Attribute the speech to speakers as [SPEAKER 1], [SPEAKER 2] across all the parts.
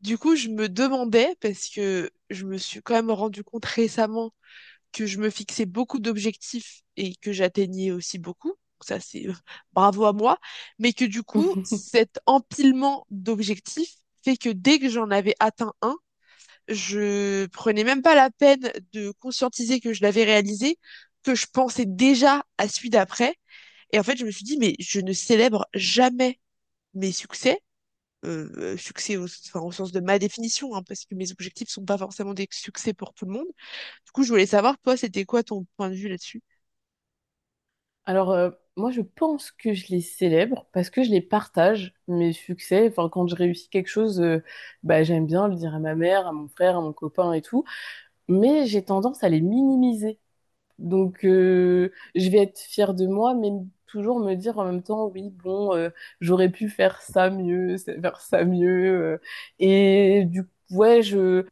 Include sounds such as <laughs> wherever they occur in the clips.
[SPEAKER 1] Du coup, je me demandais, parce que je me suis quand même rendu compte récemment que je me fixais beaucoup d'objectifs et que j'atteignais aussi beaucoup. Ça, c'est bravo à moi. Mais que du coup,
[SPEAKER 2] <laughs>
[SPEAKER 1] cet empilement d'objectifs fait que dès que j'en avais atteint un, je prenais même pas la peine de conscientiser que je l'avais réalisé, que je pensais déjà à celui d'après. Et en fait, je me suis dit, mais je ne célèbre jamais mes succès au, enfin, au sens de ma définition, hein, parce que mes objectifs sont pas forcément des succès pour tout le monde. Du coup, je voulais savoir, toi, c'était quoi ton point de vue là-dessus?
[SPEAKER 2] Alors, moi, je pense que je les célèbre parce que je les partage, mes succès. Enfin, quand je réussis quelque chose, bah, j'aime bien le dire à ma mère, à mon frère, à mon copain et tout. Mais j'ai tendance à les minimiser. Donc, je vais être fière de moi, mais toujours me dire en même temps, oui, bon, j'aurais pu faire ça mieux, faire ça mieux. Et du coup, ouais, je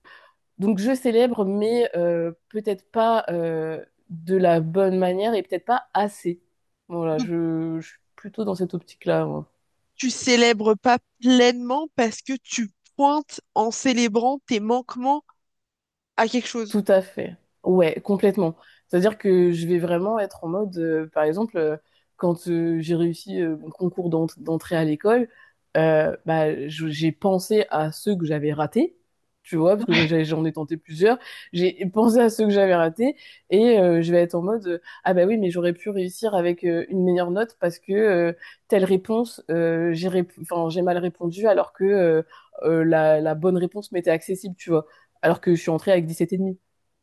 [SPEAKER 2] Donc je célèbre, mais peut-être pas de la bonne manière et peut-être pas assez. Voilà,
[SPEAKER 1] Donc,
[SPEAKER 2] je suis plutôt dans cette optique-là. Moi.
[SPEAKER 1] tu célèbres pas pleinement parce que tu pointes en célébrant tes manquements à quelque chose.
[SPEAKER 2] Tout à fait. Ouais, complètement. C'est-à-dire que je vais vraiment être en mode, par exemple, quand j'ai réussi mon concours d'entrée à l'école, bah, j'ai pensé à ceux que j'avais ratés, tu vois, parce que j'en ai tenté plusieurs. J'ai pensé à ceux que j'avais ratés et je vais être en mode, ah bah oui, mais j'aurais pu réussir avec une meilleure note parce que telle réponse, enfin, j'ai mal répondu alors que la bonne réponse m'était accessible, tu vois, alors que je suis entrée avec 17,5.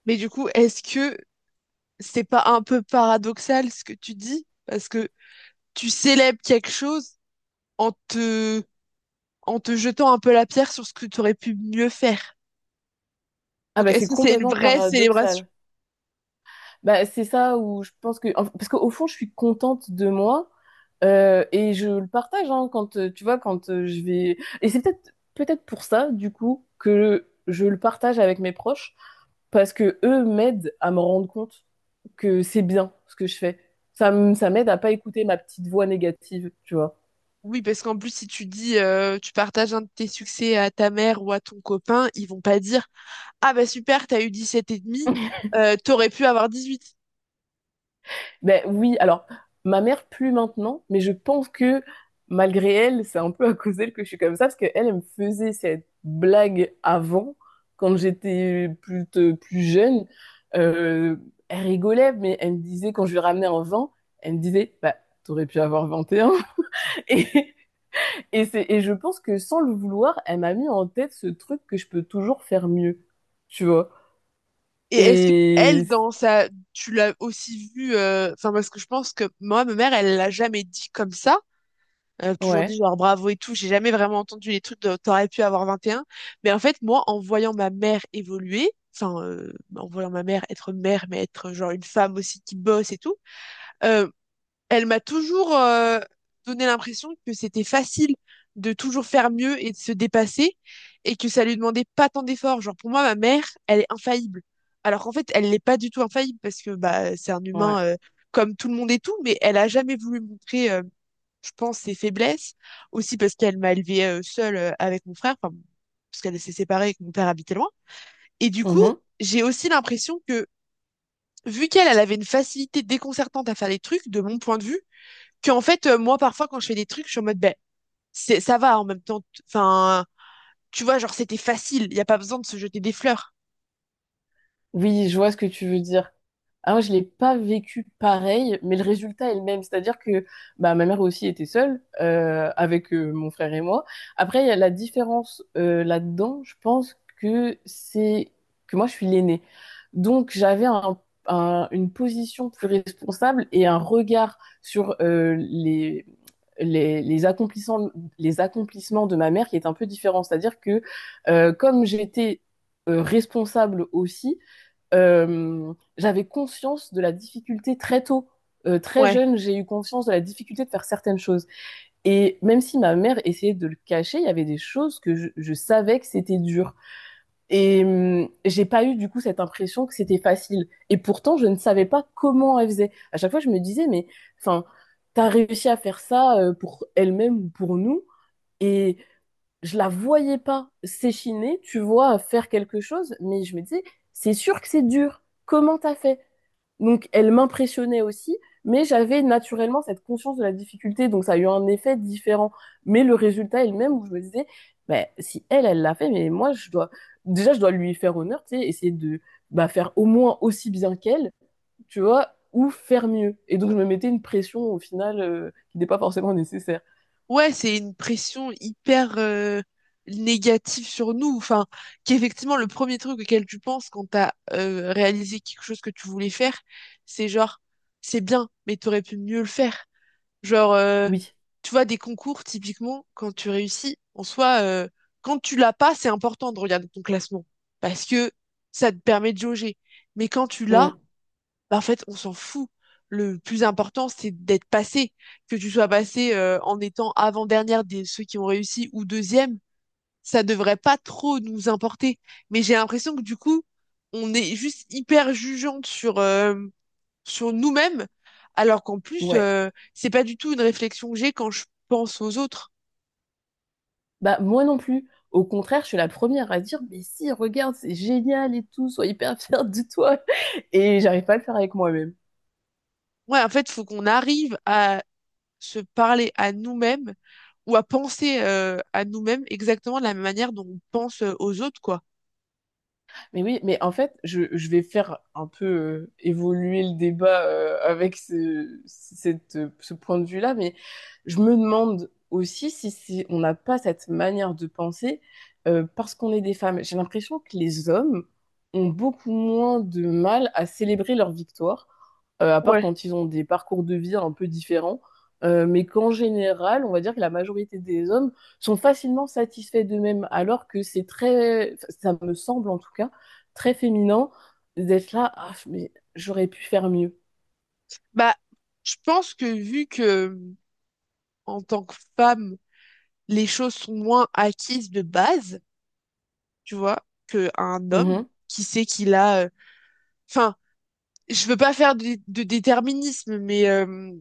[SPEAKER 1] Mais du coup, est-ce que c'est pas un peu paradoxal ce que tu dis? Parce que tu célèbres quelque chose en te, en te jetant un peu la pierre sur ce que tu aurais pu mieux faire.
[SPEAKER 2] Ah
[SPEAKER 1] Donc,
[SPEAKER 2] bah
[SPEAKER 1] est-ce
[SPEAKER 2] c'est
[SPEAKER 1] que c'est une
[SPEAKER 2] complètement
[SPEAKER 1] vraie célébration?
[SPEAKER 2] paradoxal. Bah c'est ça où je pense que parce qu'au fond je suis contente de moi et je le partage hein, quand tu vois quand je vais et c'est peut-être pour ça du coup que je le partage avec mes proches parce que eux m'aident à me rendre compte que c'est bien ce que je fais. Ça m'aide à pas écouter ma petite voix négative, tu vois.
[SPEAKER 1] Oui, parce qu'en plus, si tu dis, tu partages un de tes succès à ta mère ou à ton copain, ils vont pas dire, ah bah super, t'as eu 17 et demi, t'aurais pu avoir 18.
[SPEAKER 2] Ben oui, alors ma mère plus maintenant, mais je pense que malgré elle, c'est un peu à cause d'elle que je suis comme ça, parce qu'elle, elle me faisait cette blague avant, quand j'étais plus jeune. Euh, elle rigolait, mais elle me disait, quand je lui ramenais un vin, elle me disait, bah, t'aurais pu avoir 21. Et, un. <laughs> Et je pense que sans le vouloir, elle m'a mis en tête ce truc que je peux toujours faire mieux, tu vois.
[SPEAKER 1] Et est-ce que elle,
[SPEAKER 2] Et
[SPEAKER 1] dans sa, tu l'as aussi vu, enfin parce que je pense que moi, ma mère, elle l'a jamais dit comme ça. Elle a toujours dit
[SPEAKER 2] ouais,
[SPEAKER 1] genre bravo et tout. J'ai jamais vraiment entendu les trucs de t'aurais pu avoir 21. Mais en fait, moi, en voyant ma mère évoluer, en voyant ma mère être mère, mais être genre une femme aussi qui bosse et tout. euh, Elle m'a toujours donné l'impression que c'était facile de toujours faire mieux et de se dépasser et que ça lui demandait pas tant d'efforts. Genre pour moi, ma mère, elle est infaillible. Alors qu'en fait, elle n'est pas du tout infaillible parce que bah c'est un
[SPEAKER 2] ouais.
[SPEAKER 1] humain comme tout le monde et tout, mais elle a jamais voulu montrer, je pense, ses faiblesses. Aussi parce qu'elle m'a élevée seule avec mon frère, enfin, parce qu'elle s'est séparée et que mon père habitait loin. Et du coup, j'ai aussi l'impression que vu qu'elle, elle avait une facilité déconcertante à faire les trucs, de mon point de vue, qu'en fait, moi, parfois, quand je fais des trucs, je suis en mode, ben, c'est, ça va en même temps. Enfin, tu vois, genre, c'était facile. Il n'y a pas besoin de se jeter des fleurs.
[SPEAKER 2] Oui, je vois ce que tu veux dire. Ah, moi, je l'ai pas vécu pareil, mais le résultat est le même. C'est-à-dire que bah, ma mère aussi était seule avec mon frère et moi. Après, il y a la différence là-dedans, je pense que c'est que moi, je suis l'aînée. Donc, une position plus responsable et un regard sur les, les accomplissements, les accomplissements de ma mère qui est un peu différent. C'est-à-dire que comme j'étais responsable aussi, j'avais conscience de la difficulté très tôt. Très
[SPEAKER 1] Ouais.
[SPEAKER 2] jeune, j'ai eu conscience de la difficulté de faire certaines choses. Et même si ma mère essayait de le cacher, il y avait des choses que je savais que c'était dur. Et j'ai pas eu du coup cette impression que c'était facile. Et pourtant, je ne savais pas comment elle faisait. À chaque fois, je me disais, mais enfin, t'as réussi à faire ça pour elle-même ou pour nous. Et je la voyais pas s'échiner, tu vois, faire quelque chose. Mais je me disais, c'est sûr que c'est dur. Comment t'as fait? Donc, elle m'impressionnait aussi, mais j'avais naturellement cette conscience de la difficulté, donc ça a eu un effet différent. Mais le résultat est le même, où je me disais, bah, si elle, elle l'a fait, mais moi, je dois, déjà, je dois lui faire honneur, tu sais, essayer de bah, faire au moins aussi bien qu'elle, tu vois, ou faire mieux. Et donc, je me mettais une pression, au final, qui n'est pas forcément nécessaire.
[SPEAKER 1] Ouais, c'est une pression hyper négative sur nous. Enfin, qu'effectivement, le premier truc auquel tu penses quand t'as as réalisé quelque chose que tu voulais faire, c'est genre, c'est bien, mais t'aurais pu mieux le faire. Genre, euh,
[SPEAKER 2] Oui.
[SPEAKER 1] Tu vois, des concours, typiquement, quand tu réussis, en soi, quand tu l'as pas, c'est important de regarder ton classement. Parce que ça te permet de jauger. Mais quand tu l'as,
[SPEAKER 2] Mm.
[SPEAKER 1] bah, en fait, on s'en fout. Le plus important, c'est d'être passé. Que tu sois passé, en étant avant-dernière des ceux qui ont réussi ou deuxième, ça devrait pas trop nous importer. Mais j'ai l'impression que du coup, on est juste hyper jugeante sur sur nous-mêmes, alors qu'en plus,
[SPEAKER 2] Ouais.
[SPEAKER 1] c'est pas du tout une réflexion que j'ai quand je pense aux autres.
[SPEAKER 2] Bah, moi non plus. Au contraire, je suis la première à dire, mais si, regarde, c'est génial et tout, sois hyper fière de toi. Et j'arrive pas à le faire avec moi-même.
[SPEAKER 1] Ouais, en fait, faut qu'on arrive à se parler à nous-mêmes ou à penser à nous-mêmes exactement de la même manière dont on pense aux autres, quoi.
[SPEAKER 2] Mais oui, mais en fait, je vais faire un peu évoluer le débat avec ce point de vue-là, mais je me demande aussi si on n'a pas cette manière de penser parce qu'on est des femmes. J'ai l'impression que les hommes ont beaucoup moins de mal à célébrer leur victoire, à part
[SPEAKER 1] Ouais.
[SPEAKER 2] quand ils ont des parcours de vie un peu différents, mais qu'en général, on va dire que la majorité des hommes sont facilement satisfaits d'eux-mêmes, alors que c'est très, enfin, ça me semble en tout cas, très féminin d'être là, ah, mais j'aurais pu faire mieux.
[SPEAKER 1] Bah, je pense que vu que en tant que femme, les choses sont moins acquises de base, tu vois, qu'un homme
[SPEAKER 2] Mhm.
[SPEAKER 1] qui sait qu'il a... Enfin, je veux pas faire de déterminisme, mais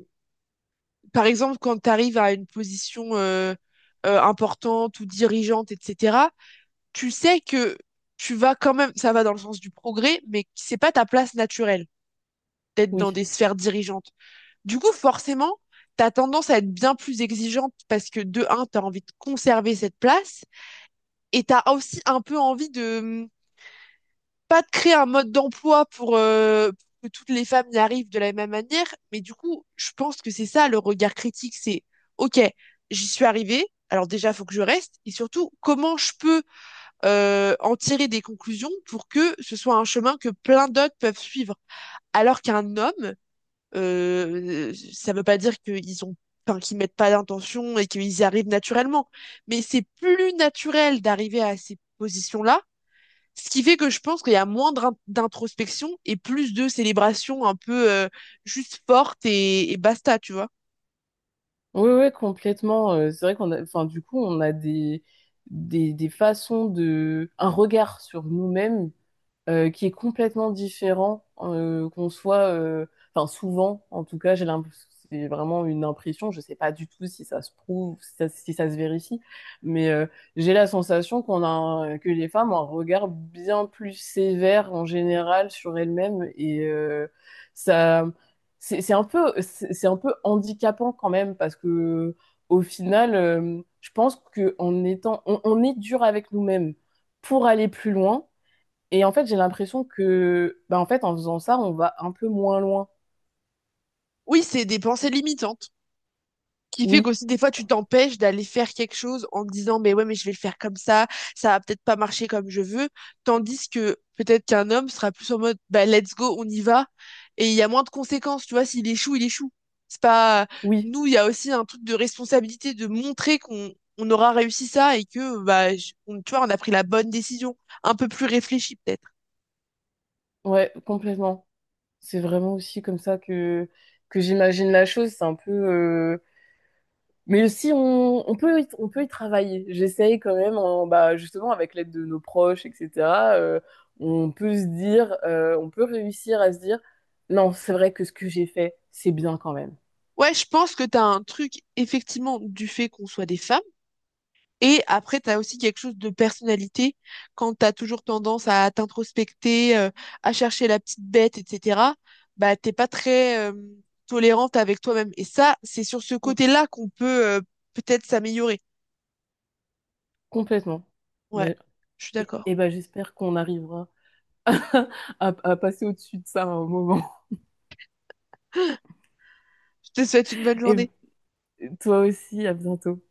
[SPEAKER 1] par exemple, quand tu arrives à une position importante ou dirigeante, etc., tu sais que tu vas quand même, ça va dans le sens du progrès, mais c'est pas ta place naturelle d'être dans
[SPEAKER 2] Oui,
[SPEAKER 1] des sphères dirigeantes. Du coup, forcément, t'as tendance à être bien plus exigeante parce que de un, t'as envie de conserver cette place et t'as aussi un peu envie de pas de créer un mode d'emploi pour que toutes les femmes y arrivent de la même manière, mais du coup, je pense que c'est ça le regard critique, c'est OK, j'y suis arrivée, alors déjà, faut que je reste, et surtout, comment je peux en tirer des conclusions pour que ce soit un chemin que plein d'autres peuvent suivre. Alors qu'un homme, ça veut pas dire qu'ils ont Enfin, qu'ils mettent pas d'intention et qu'ils y arrivent naturellement. Mais c'est plus naturel d'arriver à ces positions-là ce qui fait que je pense qu'il y a moins d'introspection et plus de célébration un peu juste forte et basta, tu vois.
[SPEAKER 2] oui, oui, complètement. C'est vrai qu'on a, enfin, du coup, on a des, des façons de, un regard sur nous-mêmes qui est complètement différent qu'on soit, enfin souvent en tout cas, j'ai l'impression, c'est vraiment une impression, je sais pas du tout si ça se prouve, si ça se vérifie, mais j'ai la sensation que les femmes ont un regard bien plus sévère en général sur elles-mêmes et ça, c'est un peu, c'est un peu handicapant quand même parce que au final, je pense que en étant, on est dur avec nous-mêmes pour aller plus loin. Et en fait, j'ai l'impression que, bah, en fait, en faisant ça, on va un peu moins loin.
[SPEAKER 1] Oui, c'est des pensées limitantes qui fait
[SPEAKER 2] Oui,
[SPEAKER 1] qu'aussi des fois tu t'empêches d'aller faire quelque chose en te disant mais ouais mais je vais le faire comme ça va peut-être pas marcher comme je veux, tandis que peut-être qu'un homme sera plus en mode bah let's go on y va, et il y a moins de conséquences tu vois, s'il échoue il échoue, c'est pas
[SPEAKER 2] oui,
[SPEAKER 1] nous, il y a aussi un truc de responsabilité de montrer qu'on aura réussi ça et que bah tu vois on a pris la bonne décision un peu plus réfléchie peut-être.
[SPEAKER 2] ouais, complètement. C'est vraiment aussi comme ça que j'imagine la chose. C'est un peu, mais aussi, on peut, on peut y travailler. J'essaye quand même, bah, justement, avec l'aide de nos proches, etc. euh, on peut se dire, on peut réussir à se dire, non, c'est vrai que ce que j'ai fait, c'est bien quand même.
[SPEAKER 1] Ouais je pense que t'as un truc effectivement du fait qu'on soit des femmes. Et après, tu as aussi quelque chose de personnalité, quand tu as toujours tendance à t'introspecter, à chercher la petite bête, etc., bah, t'es pas très tolérante avec toi-même. Et ça, c'est sur ce
[SPEAKER 2] Mm.
[SPEAKER 1] côté-là qu'on peut peut-être s'améliorer.
[SPEAKER 2] Complètement.
[SPEAKER 1] Ouais,
[SPEAKER 2] Mais
[SPEAKER 1] je suis d'accord.
[SPEAKER 2] et bah, j'espère qu'on arrivera <laughs> à passer au-dessus de ça à un moment.
[SPEAKER 1] Je te souhaite une bonne
[SPEAKER 2] Et
[SPEAKER 1] journée.
[SPEAKER 2] toi aussi, à bientôt.